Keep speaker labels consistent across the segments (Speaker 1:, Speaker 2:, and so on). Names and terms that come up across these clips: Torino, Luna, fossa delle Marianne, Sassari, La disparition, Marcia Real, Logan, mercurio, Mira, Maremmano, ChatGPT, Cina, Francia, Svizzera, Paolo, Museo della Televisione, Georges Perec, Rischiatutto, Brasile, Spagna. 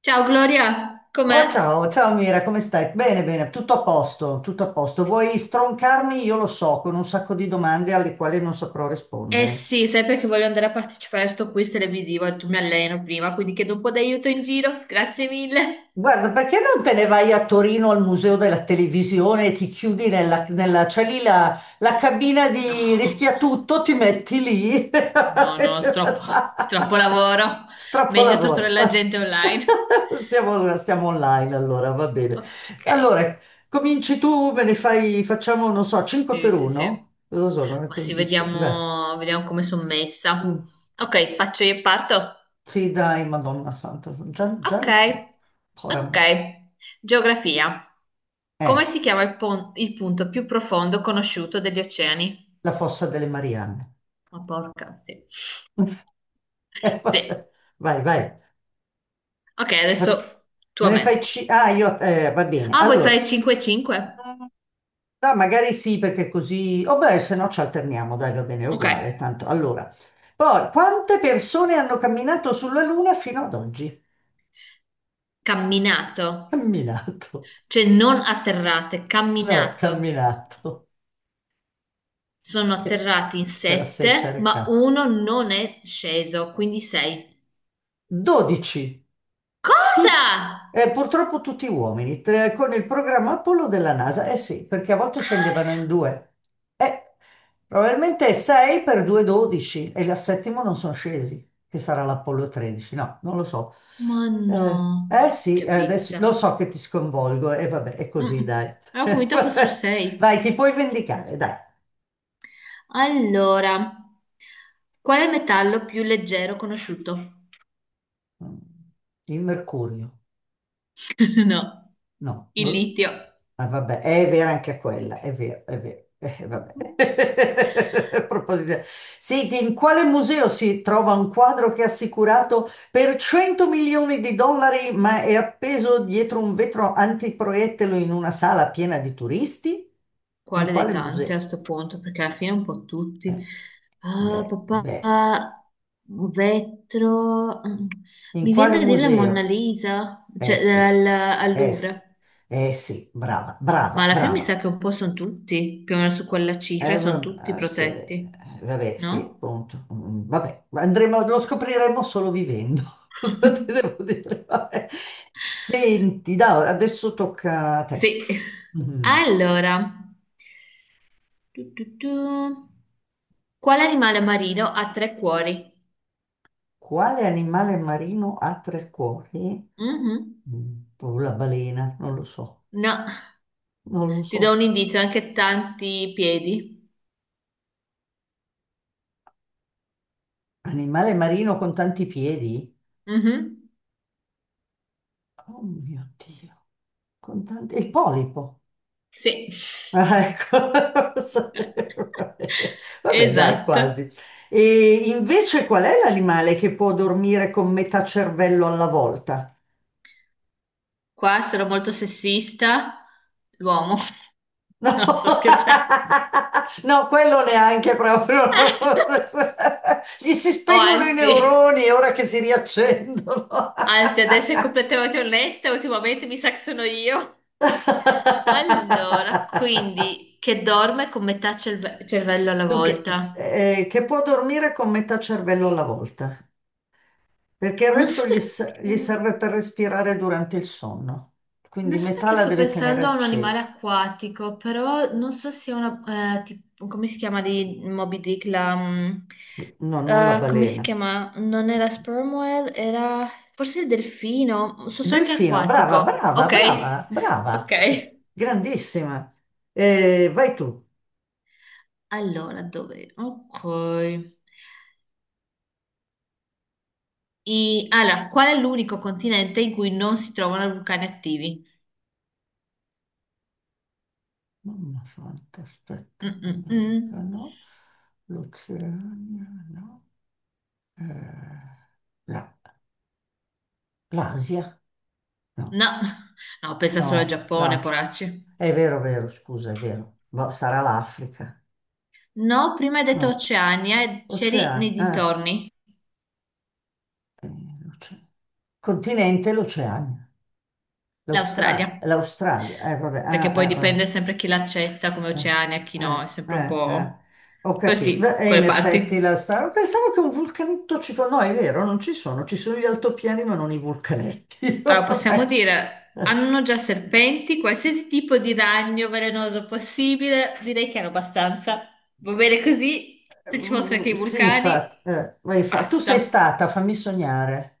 Speaker 1: Ciao Gloria, com'è?
Speaker 2: Oh, ciao, Mira, come stai? Bene, bene, tutto a posto, tutto a posto. Vuoi stroncarmi? Io lo so, con un sacco di domande alle quali non saprò
Speaker 1: Eh
Speaker 2: rispondere.
Speaker 1: sì, sai perché voglio andare a partecipare a sto quiz televisivo e tu mi alleno prima, quindi chiedo un po' d'aiuto in giro, grazie mille.
Speaker 2: Guarda, perché non te ne vai a Torino al Museo della Televisione e ti chiudi c'è lì la cabina di
Speaker 1: No,
Speaker 2: Rischiatutto, ti metti lì
Speaker 1: no,
Speaker 2: e ti-
Speaker 1: no, troppo, troppo lavoro.
Speaker 2: Troppo
Speaker 1: Meglio torturare
Speaker 2: lavoro.
Speaker 1: la gente online.
Speaker 2: Stiamo online allora, va bene.
Speaker 1: Ok,
Speaker 2: Allora, cominci tu, me ne fai, facciamo, non so, 5
Speaker 1: sì,
Speaker 2: per
Speaker 1: sì, sì.
Speaker 2: 1? Cosa sono? Le
Speaker 1: Ma sì,
Speaker 2: 15?
Speaker 1: vediamo, vediamo come sono
Speaker 2: Mm,
Speaker 1: messa. Ok, faccio io e parto.
Speaker 2: Sì, dai, Madonna Santa, sono già,
Speaker 1: Ok, ok.
Speaker 2: ora-
Speaker 1: Geografia. Come
Speaker 2: eh,
Speaker 1: si chiama il punto più profondo conosciuto degli oceani?
Speaker 2: la fossa delle Marianne.
Speaker 1: Ma porca, sì. Sì.
Speaker 2: Vabbè. Vai, vai.
Speaker 1: Ok, adesso
Speaker 2: Fac-
Speaker 1: tu
Speaker 2: Me
Speaker 1: a
Speaker 2: ne
Speaker 1: me.
Speaker 2: fai ci... Ah, io... va bene.
Speaker 1: Ah, vuoi
Speaker 2: Allora,
Speaker 1: fare 5-5?
Speaker 2: Mm, magari sì, perché così... Oh beh, se no ci alterniamo, dai, va bene, è
Speaker 1: Ok.
Speaker 2: uguale, tanto. Allora, poi, quante persone hanno camminato sulla Luna fino ad oggi?
Speaker 1: Camminato.
Speaker 2: Camminato.
Speaker 1: Cioè non atterrate,
Speaker 2: No,
Speaker 1: camminato.
Speaker 2: camminato.
Speaker 1: Sono atterrati in
Speaker 2: Te la sei
Speaker 1: 7, ma
Speaker 2: cercata.
Speaker 1: uno non è sceso, quindi 6.
Speaker 2: 12.
Speaker 1: Cosa?
Speaker 2: Tut- purtroppo tutti uomini, tre- con il programma Apollo della NASA, eh sì, perché a volte scendevano
Speaker 1: Cosa?
Speaker 2: in due. Eh, probabilmente 6 per 2, 12 e la settima non sono scesi, che sarà l'Apollo 13, no, non lo so.
Speaker 1: Ma no.
Speaker 2: Sì,
Speaker 1: Che
Speaker 2: adesso lo
Speaker 1: pizza.
Speaker 2: so che ti sconvolgo e vabbè, è così,
Speaker 1: Mm.
Speaker 2: dai.
Speaker 1: Avevo convinto fossero
Speaker 2: Vai,
Speaker 1: 6.
Speaker 2: ti puoi vendicare, dai.
Speaker 1: Allora, qual è il metallo più leggero conosciuto?
Speaker 2: Mm, Il mercurio.
Speaker 1: No,
Speaker 2: No,
Speaker 1: il
Speaker 2: boh.
Speaker 1: litio.
Speaker 2: Ah, vabbè, è vera anche quella, è vero, è vero. Vabbè.
Speaker 1: Mhm.
Speaker 2: A proposito, senti, in quale museo si trova un quadro che è assicurato per 100 milioni di dollari, ma è appeso dietro un vetro antiproiettile in una sala piena di turisti? In
Speaker 1: Quale dei
Speaker 2: quale
Speaker 1: tanti
Speaker 2: museo?
Speaker 1: a sto punto? Perché alla fine un po' tutti.
Speaker 2: Eh,
Speaker 1: Ah,
Speaker 2: beh,
Speaker 1: papà,
Speaker 2: beh,
Speaker 1: vetro. Mm.
Speaker 2: in
Speaker 1: Mi
Speaker 2: quale
Speaker 1: viene da dire la Monna
Speaker 2: museo?
Speaker 1: Lisa,
Speaker 2: Eh
Speaker 1: cioè
Speaker 2: sì,
Speaker 1: al, al
Speaker 2: eh sì,
Speaker 1: Louvre.
Speaker 2: eh sì, brava,
Speaker 1: Ma
Speaker 2: brava,
Speaker 1: alla fine mi sa
Speaker 2: brava.
Speaker 1: che un po' sono tutti, più o meno su quella cifra,
Speaker 2: Eh,
Speaker 1: sono tutti
Speaker 2: va- eh, se-
Speaker 1: protetti,
Speaker 2: vabbè, sì,
Speaker 1: no?
Speaker 2: appunto. Vabbè, andremo, lo scopriremo solo vivendo. Cosa ti devo dire? Vabbè. Senti, no, adesso tocca a te.
Speaker 1: Sì.
Speaker 2: Mm.
Speaker 1: Allora, tu. Quale animale marino ha tre cuori?
Speaker 2: Quale animale marino ha tre cuori?
Speaker 1: Mhm.
Speaker 2: Boh, la balena,
Speaker 1: No.
Speaker 2: non lo
Speaker 1: Ti do
Speaker 2: so.
Speaker 1: un indizio, anche tanti piedi.
Speaker 2: Animale marino con tanti piedi?
Speaker 1: Mhm.
Speaker 2: Oh mio Dio, con tanti... Il polipo.
Speaker 1: Sì.
Speaker 2: Ah, ecco, lo sapevo. Vabbè, dai,
Speaker 1: Esatto.
Speaker 2: quasi. E invece qual è l'animale che può dormire con metà cervello alla volta?
Speaker 1: Qua sarò molto sessista, l'uomo.
Speaker 2: No,
Speaker 1: No, sto scherzando.
Speaker 2: no, quello neanche proprio. Gli si
Speaker 1: O
Speaker 2: spengono i
Speaker 1: anzi,
Speaker 2: neuroni e ora che si riaccendono.
Speaker 1: anzi, ad essere completamente onesta, ultimamente mi sa che sono io. Allora, quindi, che dorme con metà cervello alla
Speaker 2: Dunque,
Speaker 1: volta.
Speaker 2: che può dormire con metà cervello alla volta? Perché il
Speaker 1: Non so
Speaker 2: resto gli
Speaker 1: perché.
Speaker 2: serve per respirare durante il sonno,
Speaker 1: Non
Speaker 2: quindi
Speaker 1: so
Speaker 2: metà
Speaker 1: perché
Speaker 2: la
Speaker 1: sto
Speaker 2: deve tenere
Speaker 1: pensando a un animale
Speaker 2: accesa,
Speaker 1: acquatico, però non so se è una, come si chiama di Moby Dick la,
Speaker 2: no, non la
Speaker 1: come si
Speaker 2: balena.
Speaker 1: chiama? Non era sperm whale, era forse il delfino, so solo che è
Speaker 2: Delfino, brava,
Speaker 1: acquatico.
Speaker 2: brava,
Speaker 1: Ok,
Speaker 2: brava, brava,
Speaker 1: ok.
Speaker 2: grandissima. Vai tu.
Speaker 1: Allora, dove? Ok. Allora, qual è l'unico continente in cui non si trovano vulcani attivi?
Speaker 2: Mamma santa, aspetta,
Speaker 1: Mm, mm,
Speaker 2: l'America
Speaker 1: mm.
Speaker 2: no, l'Oceania no, eh, la- l'Asia
Speaker 1: No,
Speaker 2: no,
Speaker 1: no, pensa solo al
Speaker 2: no,
Speaker 1: Giappone,
Speaker 2: l'Af.
Speaker 1: poracci.
Speaker 2: È vero, vero, scusa, è vero, boh, sarà l'Africa.
Speaker 1: No, prima hai
Speaker 2: No,
Speaker 1: detto Oceania e c'eri nei
Speaker 2: Oceania,
Speaker 1: dintorni,
Speaker 2: eh, l'oce- continente l'Oceania,
Speaker 1: l'Australia.
Speaker 2: l'Australia, vabbè,
Speaker 1: Perché poi
Speaker 2: ah,
Speaker 1: dipende sempre chi l'accetta come
Speaker 2: eh,
Speaker 1: Oceania e chi no, è
Speaker 2: vabbè,
Speaker 1: sempre un
Speaker 2: eh.
Speaker 1: po'
Speaker 2: Ho capito,
Speaker 1: così,
Speaker 2: e in
Speaker 1: quelle
Speaker 2: effetti
Speaker 1: parti.
Speaker 2: l'Australia, pensavo che un vulcanetto ci fosse, no, è vero, non ci sono, ci sono gli altopiani ma non i vulcanetti,
Speaker 1: Allora, possiamo
Speaker 2: vabbè.
Speaker 1: dire, hanno già serpenti, qualsiasi tipo di ragno velenoso possibile, direi che hanno abbastanza. Va bene così, se ci fossero anche i
Speaker 2: Sì,
Speaker 1: vulcani,
Speaker 2: infatti, vai, infa- tu sei
Speaker 1: basta.
Speaker 2: stata, fammi sognare.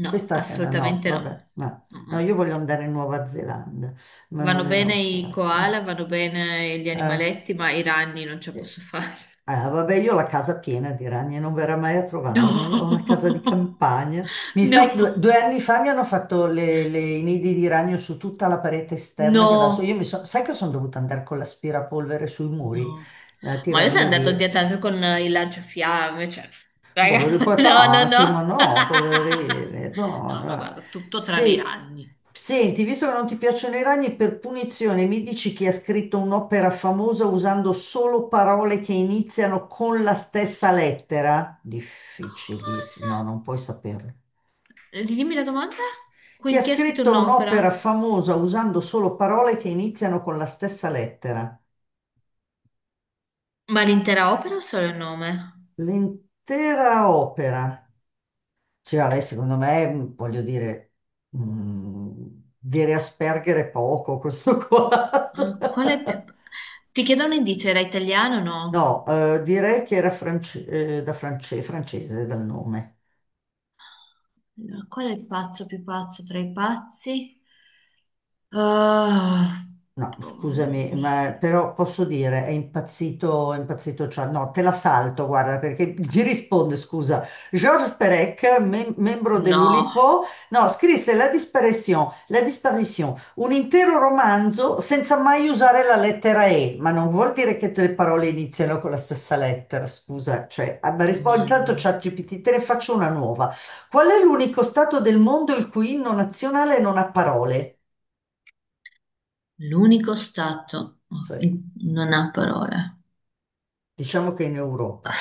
Speaker 2: Sei stata? No, no,
Speaker 1: assolutamente no.
Speaker 2: vabbè, no. No, io
Speaker 1: Mm-mm.
Speaker 2: voglio andare in Nuova Zelanda, ma
Speaker 1: Vanno
Speaker 2: non in
Speaker 1: bene i koala,
Speaker 2: Australia.
Speaker 1: vanno bene gli
Speaker 2: Ah,
Speaker 1: animaletti, ma i ragni non ce la
Speaker 2: eh,
Speaker 1: posso fare.
Speaker 2: vabbè, io ho la casa piena di ragni, non verrà mai a
Speaker 1: No,
Speaker 2: trovarmi. Ho una casa di campagna. Mi
Speaker 1: no,
Speaker 2: sai che due anni fa mi hanno fatto i nidi di ragno su tutta la parete esterna che adesso io mi
Speaker 1: no,
Speaker 2: sono... Sai che sono dovuta andare con l'aspirapolvere sui muri
Speaker 1: no.
Speaker 2: a
Speaker 1: Ma io sono
Speaker 2: tirarli
Speaker 1: andato a
Speaker 2: via.
Speaker 1: dieta con il lanciafiamme, cioè, raga,
Speaker 2: Poveri
Speaker 1: no, no,
Speaker 2: patati, ma
Speaker 1: no.
Speaker 2: no, poverini, no,
Speaker 1: No, no,
Speaker 2: no.
Speaker 1: guarda, tutto tranne i
Speaker 2: Se,
Speaker 1: ragni.
Speaker 2: senti, visto che non ti piacciono i ragni, per punizione mi dici chi ha scritto un'opera famosa usando solo parole che iniziano con la stessa lettera? Difficilissimo,
Speaker 1: Cosa?
Speaker 2: no, non puoi saperlo.
Speaker 1: Ridimmi la domanda?
Speaker 2: Chi ha
Speaker 1: Quindi chi ha scritto
Speaker 2: scritto un'opera
Speaker 1: un'opera?
Speaker 2: famosa usando solo parole che iniziano con la stessa lettera?
Speaker 1: Ma l'intera opera o solo il nome?
Speaker 2: L'intera opera. Sì, vabbè, secondo me, voglio dire, mh, dire Asperger è poco questo qua. Cioè,
Speaker 1: Ah, qual è più... Ti chiedo un indizio, era italiano o
Speaker 2: no,
Speaker 1: no?
Speaker 2: direi che era france- francese dal nome.
Speaker 1: Allora, qual è il pazzo più pazzo tra i pazzi? Ah,
Speaker 2: No, scusami,
Speaker 1: mm,
Speaker 2: ma però posso dire, è impazzito Chad. No, te la salto, guarda, perché gli risponde, scusa, Georges Perec, mem- membro
Speaker 1: no,
Speaker 2: dell'Ulipo, no, scrisse La disparition, un intero romanzo senza mai usare la lettera E, ma non vuol dire che tutte le parole iniziano con la stessa lettera, scusa, cioè, ah, ma rispondi, intanto
Speaker 1: Madò.
Speaker 2: ChatGPT, te ne faccio una nuova. Qual è l'unico stato del mondo il cui inno nazionale non ha parole?
Speaker 1: L'unico stato
Speaker 2: Cioè,
Speaker 1: non ha parole.
Speaker 2: diciamo che in Europa.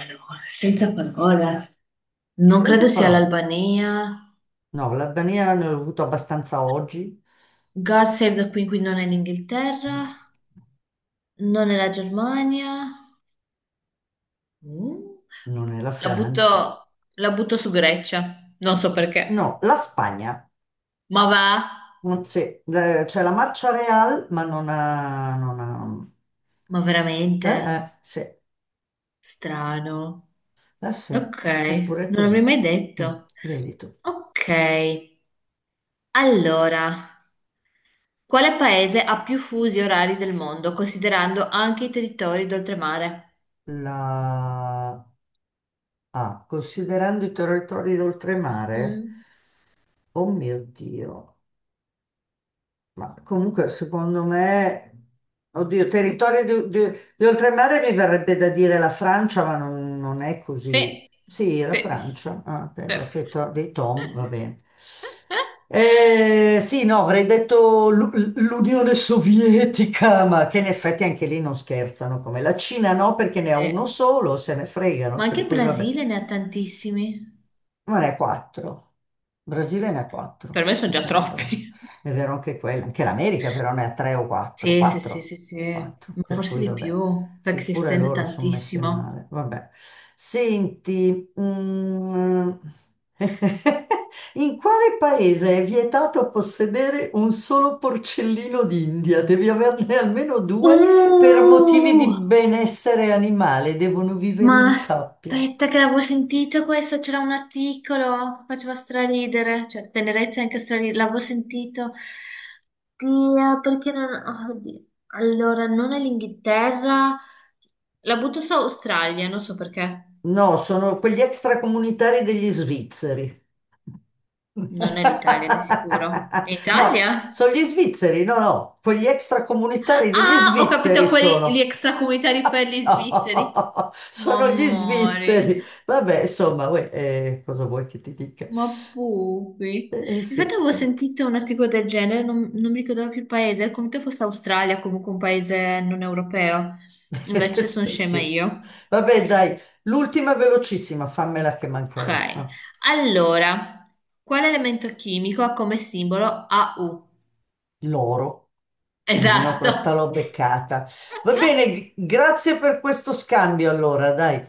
Speaker 1: Allora, senza parole. Non credo
Speaker 2: Senza
Speaker 1: sia
Speaker 2: parole.
Speaker 1: l'Albania.
Speaker 2: No, l'Albania ne ho avuto abbastanza oggi,
Speaker 1: God Save the Queen, quindi non è l'Inghilterra, non è la Germania. Uh,
Speaker 2: non è la Francia.
Speaker 1: la butto su Grecia, non so
Speaker 2: No,
Speaker 1: perché.
Speaker 2: la Spagna.
Speaker 1: Ma va?
Speaker 2: Non c'è c'è la Marcia Real, ma non ha... non ha-
Speaker 1: Ma
Speaker 2: Eh,
Speaker 1: veramente?
Speaker 2: sì,
Speaker 1: Strano.
Speaker 2: sì,
Speaker 1: Ok,
Speaker 2: eppure è
Speaker 1: non
Speaker 2: così.
Speaker 1: l'avrei mai
Speaker 2: Mm,
Speaker 1: detto.
Speaker 2: vedi tu.
Speaker 1: Ok, allora, quale paese ha più fusi orari del mondo, considerando anche i territori d'oltremare?
Speaker 2: La... Ah, considerando i territori d'oltremare,
Speaker 1: Mm.
Speaker 2: oh mio Dio. Ma comunque, secondo me, oddio, di oltremare mi verrebbe da dire la Francia, ma non è così.
Speaker 1: Sì,
Speaker 2: Sì, la
Speaker 1: sì,
Speaker 2: Francia, ah, beh,
Speaker 1: sì.
Speaker 2: beh, se to- dei Tom, va bene. Sì, no, avrei detto l'U- l'Unione Sovietica, ma che in effetti anche lì non scherzano, come la Cina no, perché ne ha uno
Speaker 1: Eh,
Speaker 2: solo, se ne fregano,
Speaker 1: ma anche
Speaker 2: per
Speaker 1: il
Speaker 2: cui vabbè.
Speaker 1: Brasile ne ha tantissimi.
Speaker 2: Ma ne ha quattro. Brasile ne ha
Speaker 1: Per
Speaker 2: quattro,
Speaker 1: me sono
Speaker 2: mi
Speaker 1: già
Speaker 2: sembra.
Speaker 1: troppi.
Speaker 2: È vero anche quello. Anche l'America però ne ha tre o quattro.
Speaker 1: Sì, sì, sì,
Speaker 2: Quattro.
Speaker 1: sì, sì,
Speaker 2: Quattro.
Speaker 1: ma
Speaker 2: Per
Speaker 1: forse
Speaker 2: cui
Speaker 1: di
Speaker 2: vabbè.
Speaker 1: più, perché
Speaker 2: Sì,
Speaker 1: si
Speaker 2: pure
Speaker 1: estende
Speaker 2: loro sono messi
Speaker 1: tantissimo.
Speaker 2: male. Vabbè. Senti, in quale paese è vietato possedere un solo porcellino d'India? Devi averne almeno due per motivi di
Speaker 1: Uh!
Speaker 2: benessere animale. Devono vivere
Speaker 1: Ma
Speaker 2: in coppia.
Speaker 1: aspetta che l'avevo sentito questo, c'era un articolo, faceva straridere, cioè tenerezza è anche straridere, l'avevo sentito. Dio, perché non... oh, oddio. Allora, non è l'Inghilterra, la butto su Australia, non so perché,
Speaker 2: No, sono quegli extracomunitari degli svizzeri.
Speaker 1: non è l'Italia di sicuro. È
Speaker 2: No,
Speaker 1: Italia?
Speaker 2: sono gli svizzeri, no, no, quegli extracomunitari degli
Speaker 1: Ah, ho
Speaker 2: svizzeri
Speaker 1: capito quelli, gli
Speaker 2: sono.
Speaker 1: extracomunitari per gli svizzeri.
Speaker 2: No,
Speaker 1: Ma
Speaker 2: sono gli svizzeri.
Speaker 1: amore.
Speaker 2: Vabbè, insomma, uè, cosa vuoi che ti dica?
Speaker 1: Ma poi, infatti
Speaker 2: Sì.
Speaker 1: avevo sentito un articolo del genere, non mi ricordavo più il paese, era come se fosse Australia, comunque un paese non europeo. Invece sono scema
Speaker 2: Sì.
Speaker 1: io.
Speaker 2: Vabbè, dai, l'ultima velocissima, fammela che
Speaker 1: Ok,
Speaker 2: manca. No?
Speaker 1: allora, quale elemento chimico ha come simbolo AU?
Speaker 2: Loro, almeno
Speaker 1: Esatto.
Speaker 2: questa l'ho beccata. Va bene, grazie per questo scambio allora, dai.